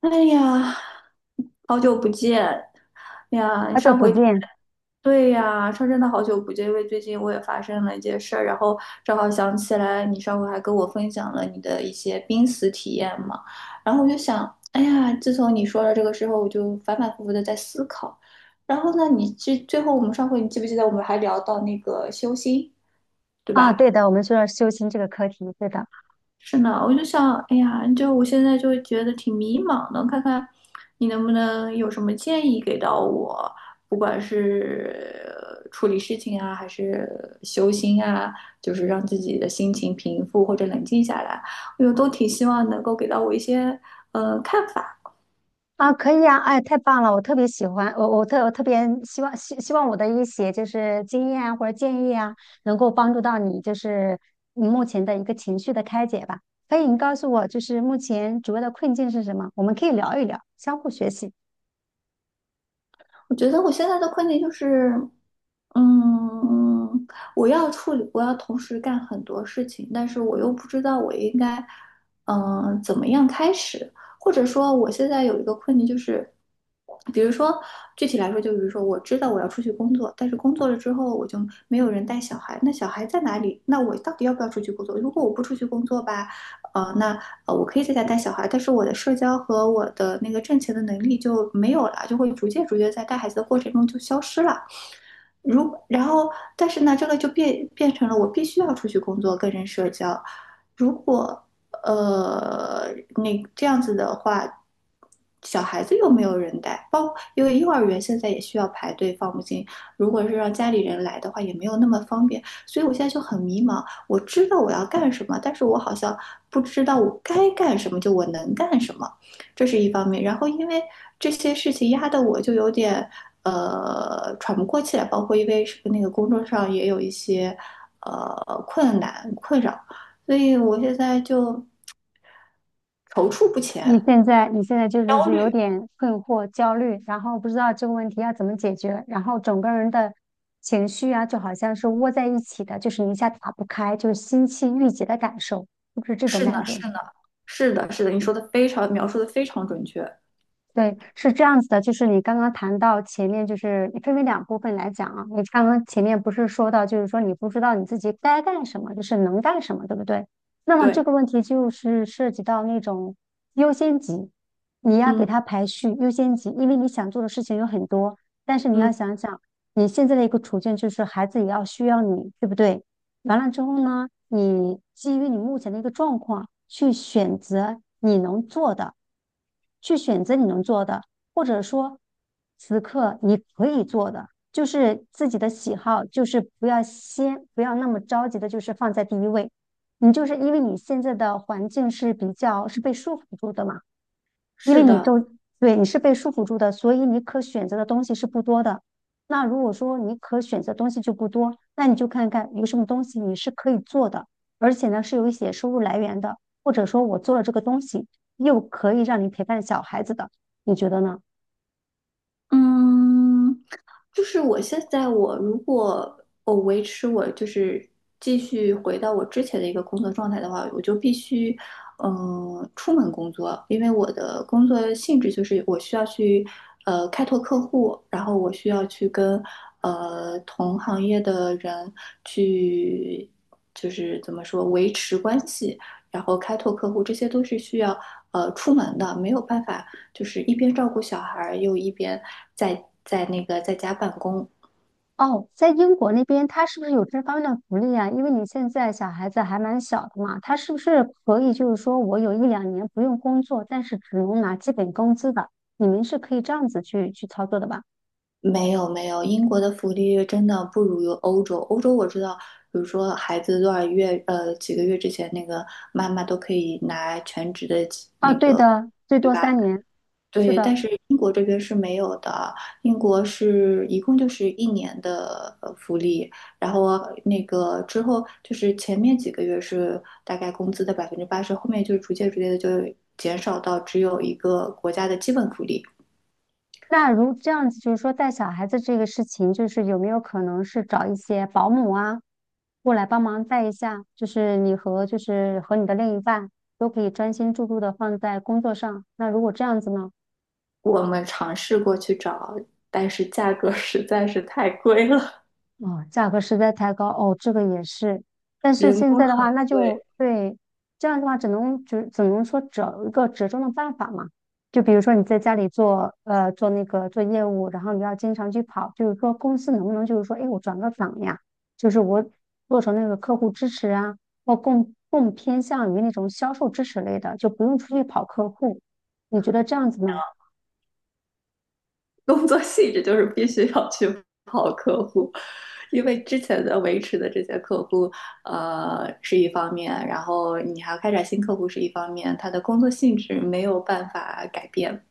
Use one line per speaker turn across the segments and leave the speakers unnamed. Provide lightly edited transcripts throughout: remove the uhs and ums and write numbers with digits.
哎呀，好久不见。哎呀！
好久
上
不
回听
见
对呀，说真的好久不见，因为最近我也发生了一件事儿，然后正好想起来，你上回还跟我分享了你的一些濒死体验嘛，然后我就想，哎呀，自从你说了这个之后，我就反反复复的在思考。然后呢，你最最后我们上回你记不记得我们还聊到那个修心，对
啊！对
吧？
的，我们说修心这个课题，对的。
是呢，我就想，哎呀，就我现在就觉得挺迷茫的，看看你能不能有什么建议给到我，不管是处理事情啊，还是修心啊，就是让自己的心情平复或者冷静下来，我都挺希望能够给到我一些看法。
啊，可以啊，哎，太棒了，我特别喜欢，我特别希望我的一些就是经验啊或者建议啊，能够帮助到你，就是你目前的一个情绪的开解吧。可以，你告诉我，就是目前主要的困境是什么？我们可以聊一聊，相互学习。
我觉得我现在的困境就是，嗯，我要处理，我要同时干很多事情，但是我又不知道我应该，怎么样开始，或者说我现在有一个困境就是，比如说具体来说，就比如说我知道我要出去工作，但是工作了之后我就没有人带小孩，那小孩在哪里？那我到底要不要出去工作？如果我不出去工作吧，那我可以在家带小孩，但是我的社交和我的那个挣钱的能力就没有了，就会逐渐逐渐在带孩子的过程中就消失了。如然后，但是呢，这个就变成了我必须要出去工作跟人社交。如果呃那这样子的话，小孩子又没有人带，包括因为幼儿园现在也需要排队放不进，如果是让家里人来的话，也没有那么方便。所以我现在就很迷茫，我知道我要干什么，但是我好像不知道我该干什么，就我能干什么。这是一方面。然后因为这些事情压得我就有点喘不过气来，包括因为是那个工作上也有一些呃困难困扰，所以我现在就踌躇不
你
前，
现在你现在就是
焦
是有
虑。
点困惑、焦虑，然后不知道这个问题要怎么解决，然后整个人的情绪啊，就好像是窝在一起的，就是你一下打不开，就是心气郁结的感受，是不是这种
是呢，
感觉。
是呢，是的，是的，你说的非常描述的非常准确。
对，是这样子的，就是你刚刚谈到前面，就是分为两部分来讲啊。你刚刚前面不是说到，就是说你不知道你自己该干什么，就是能干什么，对不对？那么这
对，
个问题就是涉及到那种优先级，你要给
嗯
他排序优先级，因为你想做的事情有很多，但是你
嗯，
要想想你现在的一个处境，就是孩子也要需要你，对不对？完了之后呢，你基于你目前的一个状况去选择你能做的，去选择你能做的，或者说此刻你可以做的，就是自己的喜好，就是不要先不要那么着急的，就是放在第一位。你就是因为你现在的环境是比较是被束缚住的嘛。因为
是
你
的，
都，对，你是被束缚住的，所以你可选择的东西是不多的。那如果说你可选择东西就不多，那你就看看有什么东西你是可以做的，而且呢是有一些收入来源的，或者说我做了这个东西又可以让你陪伴小孩子的，你觉得呢？
嗯。就是我现在我如果我维持我就是继续回到我之前的一个工作状态的话，我就必须嗯、出门工作，因为我的工作性质就是我需要去开拓客户，然后我需要去跟同行业的人去就是怎么说维持关系，然后开拓客户，这些都是需要出门的，没有办法。就是一边照顾小孩又一边在那个在家办公。
哦，在英国那边，他是不是有这方面的福利啊？因为你现在小孩子还蛮小的嘛，他是不是可以就是说我有一两年不用工作，但是只能拿基本工资的？你们是可以这样子去操作的吧？
没有没有，英国的福利真的不如欧洲。欧洲我知道，比如说孩子多少月，几个月之前，那个妈妈都可以拿全职的
啊，
那
对
个，
的，最
对
多
吧？
三年。是
对，
的，
但是英国这边是没有的。英国是一共就是一年的福利，然后那个之后就是前面几个月是大概工资的80%，后面就逐渐逐渐的就减少到只有一个国家的基本福利。
那如这样子，就是说带小孩子这个事情，就是有没有可能是找一些保姆啊，过来帮忙带一下？就是你和就是和你的另一半都可以专心致志的放在工作上。那如果这样子呢？
我们尝试过去找，但是价格实在是太贵了。
哦，价格实在太高哦，这个也是。但是现在的话，那就 对，这样的话只能说找一个折中的办法嘛。就比如说你在家里做做那个做业务，然后你要经常去跑，就是说公司能不能就是说，哎，我转个岗呀，就是我做成那个客户支持啊，或更偏向于那种销售支持类的，就不用出去跑客户。你觉得这样子呢？
工作性质就是必须要去跑客户，因为之前的维持的这些客户，是一方面，然后你还要开展新客户是一方面，他的工作性质没有办法改变。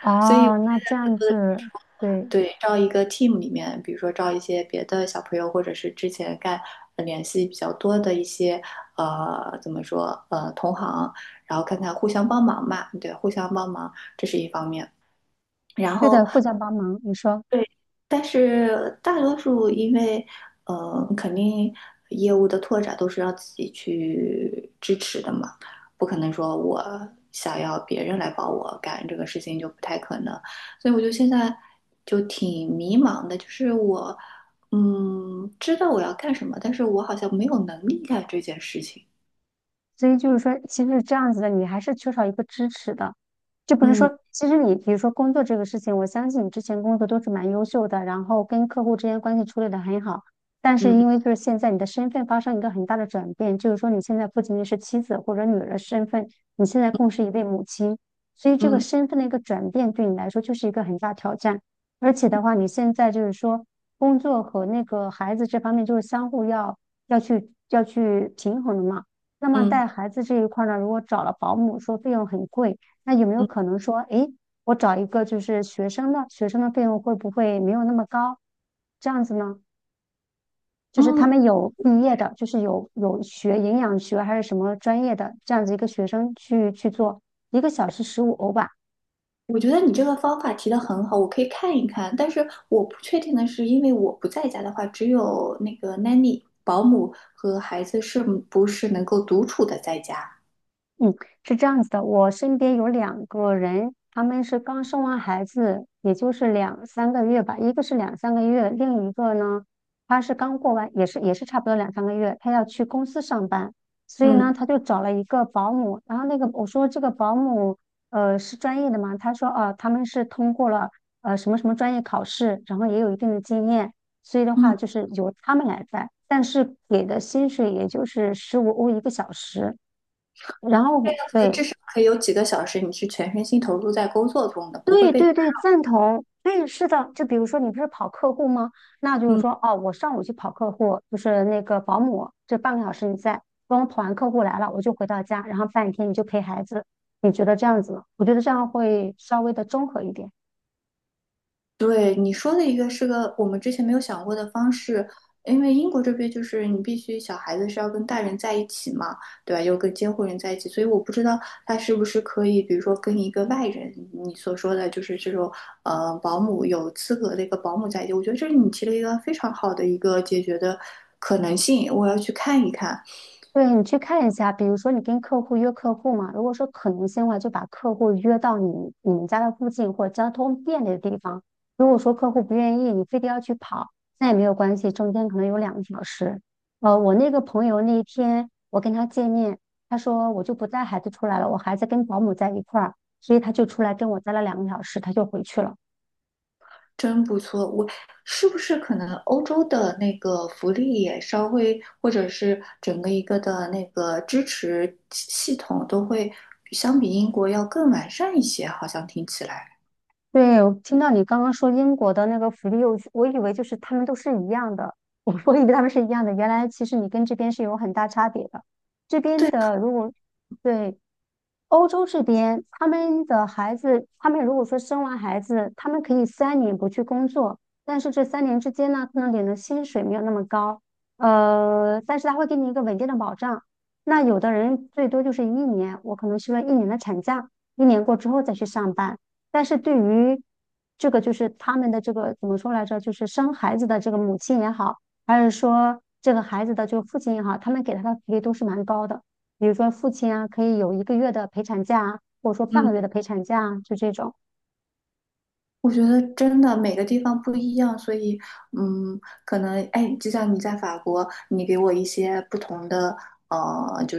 哦，那这样子，对，
对，招一个 team 里面，比如说招一些别的小朋友，或者是之前干联系比较多的一些怎么说同行，然后看看互相帮忙嘛，对，互相帮忙这是一方面。然
对的，
后
互相帮忙。你说。
对，但是大多数因为，肯定业务的拓展都是要自己去支持的嘛，不可能说我想要别人来帮我干这个事情就不太可能，所以我就现在就挺迷茫的，就是我，嗯，知道我要干什么，但是我好像没有能力干这件事情。
所以就是说，其实这样子的你还是缺少一个支持的，就不是
嗯
说，其实你比如说工作这个事情，我相信你之前工作都是蛮优秀的，然后跟客户之间关系处理的很好，但是
嗯
因为就是现在你的身份发生一个很大的转变，就是说你现在不仅仅是妻子或者女儿的身份，你现在更是一位母亲，所以这个
嗯
身份的一个转变对你来说就是一个很大挑战，而且的话，你现在就是说工作和那个孩子这方面就是相互要去平衡的嘛。那么
嗯
带孩子这一块儿呢，如果找了保姆，说费用很贵，那有没有
嗯
可能说，诶，我找一个就是学生的，学生的费用会不会没有那么高？这样子呢，就是他
嗯
们有毕业的，就是有学营养学还是什么专业的这样子一个学生去做，1个小时15欧吧，
我觉得你这个方法提的很好，我可以看一看。但是我不确定的是，因为我不在家的话，只有那个 nanny 保姆和孩子是不是能够独处的在家？
是这样子的，我身边有2个人，他们是刚生完孩子，也就是两三个月吧，一个是两三个月，另一个呢，他是刚过完，也是差不多两三个月，他要去公司上班，所以呢，
嗯
他就找了一个保姆，然后那个我说这个保姆，是专业的嘛？他说哦、啊他们是通过了什么什么专业考试，然后也有一定的经验，所以的话
嗯，
就是由他们来带，但是给的薪水也就是15欧1个小时。然后对，
至少可以有几个小时，你是全身心投入在工作中的，不会
对
被。
对对，赞同。对，是的，就比如说你不是跑客户吗？那就是
嗯。
说，哦，我上午去跑客户，就是那个保姆，这半个小时你在，等我跑完客户来了，我就回到家，然后半天你就陪孩子。你觉得这样子吗？我觉得这样会稍微的综合一点。
对，你说的一个是个我们之前没有想过的方式，因为英国这边就是你必须小孩子是要跟大人在一起嘛，对吧？又跟监护人在一起，所以我不知道他是不是可以，比如说跟一个外人，你所说的就是这种保姆有资格的一个保姆在一起，我觉得这是你提了一个非常好的一个解决的可能性，我要去看一看。
对，你去看一下，比如说你跟客户约客户嘛，如果说可能性的话，就把客户约到你们家的附近或者交通便利的地方。如果说客户不愿意，你非得要去跑，那也没有关系，中间可能有两个小时。我那个朋友那一天我跟他见面，他说我就不带孩子出来了，我孩子跟保姆在一块儿，所以他就出来跟我待了两个小时，他就回去了。
真不错，我是不是可能欧洲的那个福利也稍微，或者是整个一个的那个支持系统都会相比英国要更完善一些？好像听起来，
对，我听到你刚刚说英国的那个福利幼，我以为就是他们都是一样的，我以为他们是一样的，原来其实你跟这边是有很大差别的。这边
对，
的如果对，欧洲这边，他们的孩子，他们如果说生完孩子，他们可以3年不去工作，但是这3年之间呢，可能领的薪水没有那么高，但是他会给你一个稳定的保障。那有的人最多就是一年，我可能休了1年的产假，1年过之后再去上班。但是对于这个，就是他们的这个怎么说来着？就是生孩子的这个母亲也好，还是说这个孩子的就父亲也好，他们给他的福利都是蛮高的。比如说父亲啊，可以有1个月的陪产假啊或者说半
嗯，
个月的陪产假啊就这种
我觉得真的每个地方不一样，所以嗯，可能哎，就像你在法国，你给我一些不同的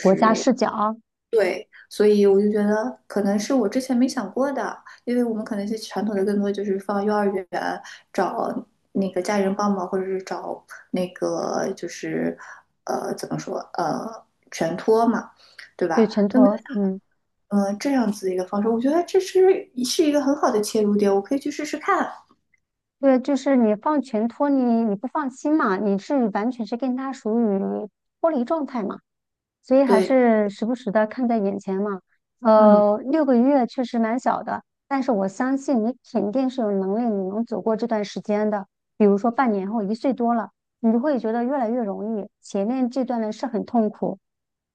国家视角啊。
对，所以我就觉得可能是我之前没想过的，因为我们可能是传统的更多就是放幼儿园找那个家人帮忙，或者是找那个就是怎么说全托嘛，对
对，
吧？
全
那么
托，嗯，
这样子的一个方式，我觉得这是一个很好的切入点，我可以去试试看。
对，就是你放全托你不放心嘛，你是完全是跟他属于脱离状态嘛。所以还
对，
是时不时的看在眼前嘛。
嗯，
6个月确实蛮小的，但是我相信你肯定是有能力，你能走过这段时间的。比如说半年后1岁多了，你就会觉得越来越容易，前面这段呢是很痛苦。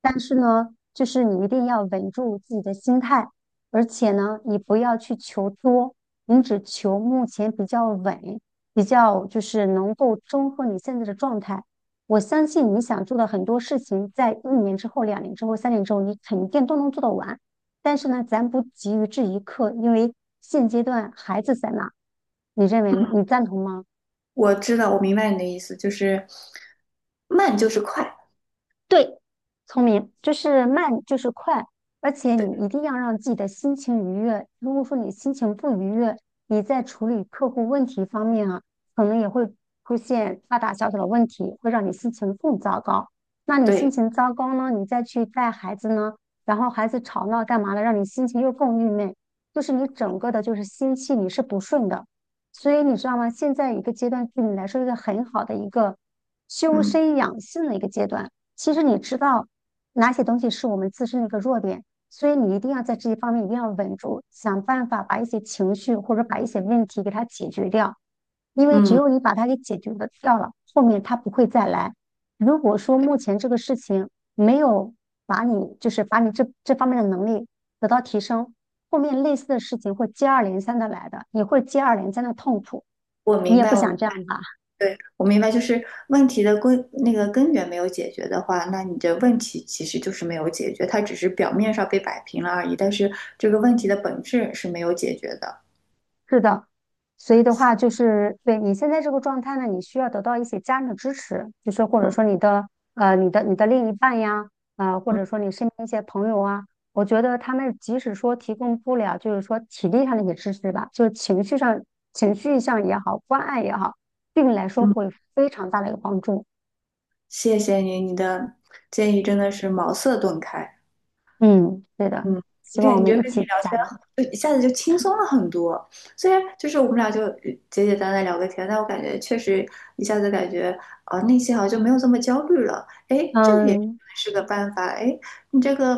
但是呢，就是你一定要稳住自己的心态，而且呢，你不要去求多，你只求目前比较稳，比较就是能够中和你现在的状态。我相信你想做的很多事情，在1年之后、2年之后、3年之后，你肯定都能做得完。但是呢，咱不急于这一刻，因为现阶段孩子在那，你认为吗？你赞同吗？
我知道，我明白你的意思，就是慢就是快。
对，聪明就是慢，就是快，而且
对，
你一定要让自己的心情愉悦。如果说你心情不愉悦，你在处理客户问题方面啊，可能也会出现大大小小的问题，会让你心情更糟糕。那你心
对，
情糟糕呢，你再去带孩子呢，然后孩子吵闹干嘛的，让你心情又更郁闷，就是你整个的就是心气你是不顺的。所以你知道吗？现在一个阶段对你来说，一个很好的一个修
嗯
身养性的一个阶段。其实你知道哪些东西是我们自身的一个弱点，所以你一定要在这些方面一定要稳住，想办法把一些情绪或者把一些问题给它解决掉，因为只
嗯，
有你把它给解决的掉了，后面它不会再来。如果说目前这个事情没有把你就是把你这方面的能力得到提升，后面类似的事情会接二连三的来的，你会接二连三的痛苦，
我
你
明
也
白，
不
我
想这样吧？
对，我明白，就是问题的根那个根源没有解决的话，那你的问题其实就是没有解决，它只是表面上被摆平了而已，但是这个问题的本质是没有解决的。
是的，所以的话就是对你现在这个状态呢，你需要得到一些家人的支持，就是或者说你的你的另一半呀，啊、或
嗯，
者说你身边一些朋友啊，我觉得他们即使说提供不了，就是说体力上的一些支持吧，就是情绪上也好，关爱也好，对你来说
嗯
会非常大的一个帮助。
谢谢你，你的建议真的是茅塞顿开。
嗯，对的，
嗯，
希望我
感
们
觉
一
跟你
起
聊
加
天
油。
很，就一下子就轻松了很多。虽然就是我们俩就简简单单聊个天，但我感觉确实一下子感觉内心好像就没有这么焦虑了。哎，这个也
嗯，
是个办法。哎，你这个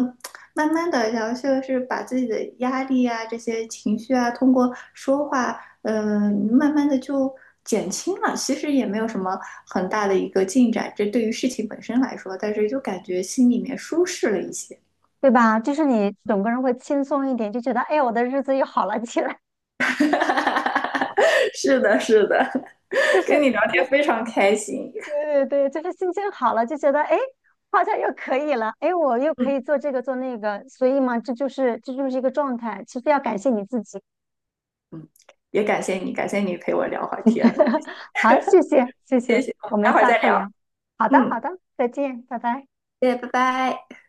慢慢的，然后就是把自己的压力啊、这些情绪啊，通过说话，你慢慢的就减轻了。其实也没有什么很大的一个进展，这对于事情本身来说，但是就感觉心里面舒适了一些。
对吧？就是你整个人会轻松一点，就觉得哎，我的日子又好了起来。
是的，是的，
就
跟
是，
你聊天非常开心。
对对对，就是心情好了，就觉得哎，诶，好像又可以了，哎，我又可
嗯
以做这个做那个，所以嘛，这就是一个状态。其实要感谢你自己。
嗯，也感谢你，感谢你陪我聊会儿天。
好，谢谢，谢
谢
谢，
谢，我们
我们
待会儿
下
再
次
聊。
聊。好的，好
嗯，
的，再见，拜拜。
谢谢，拜拜。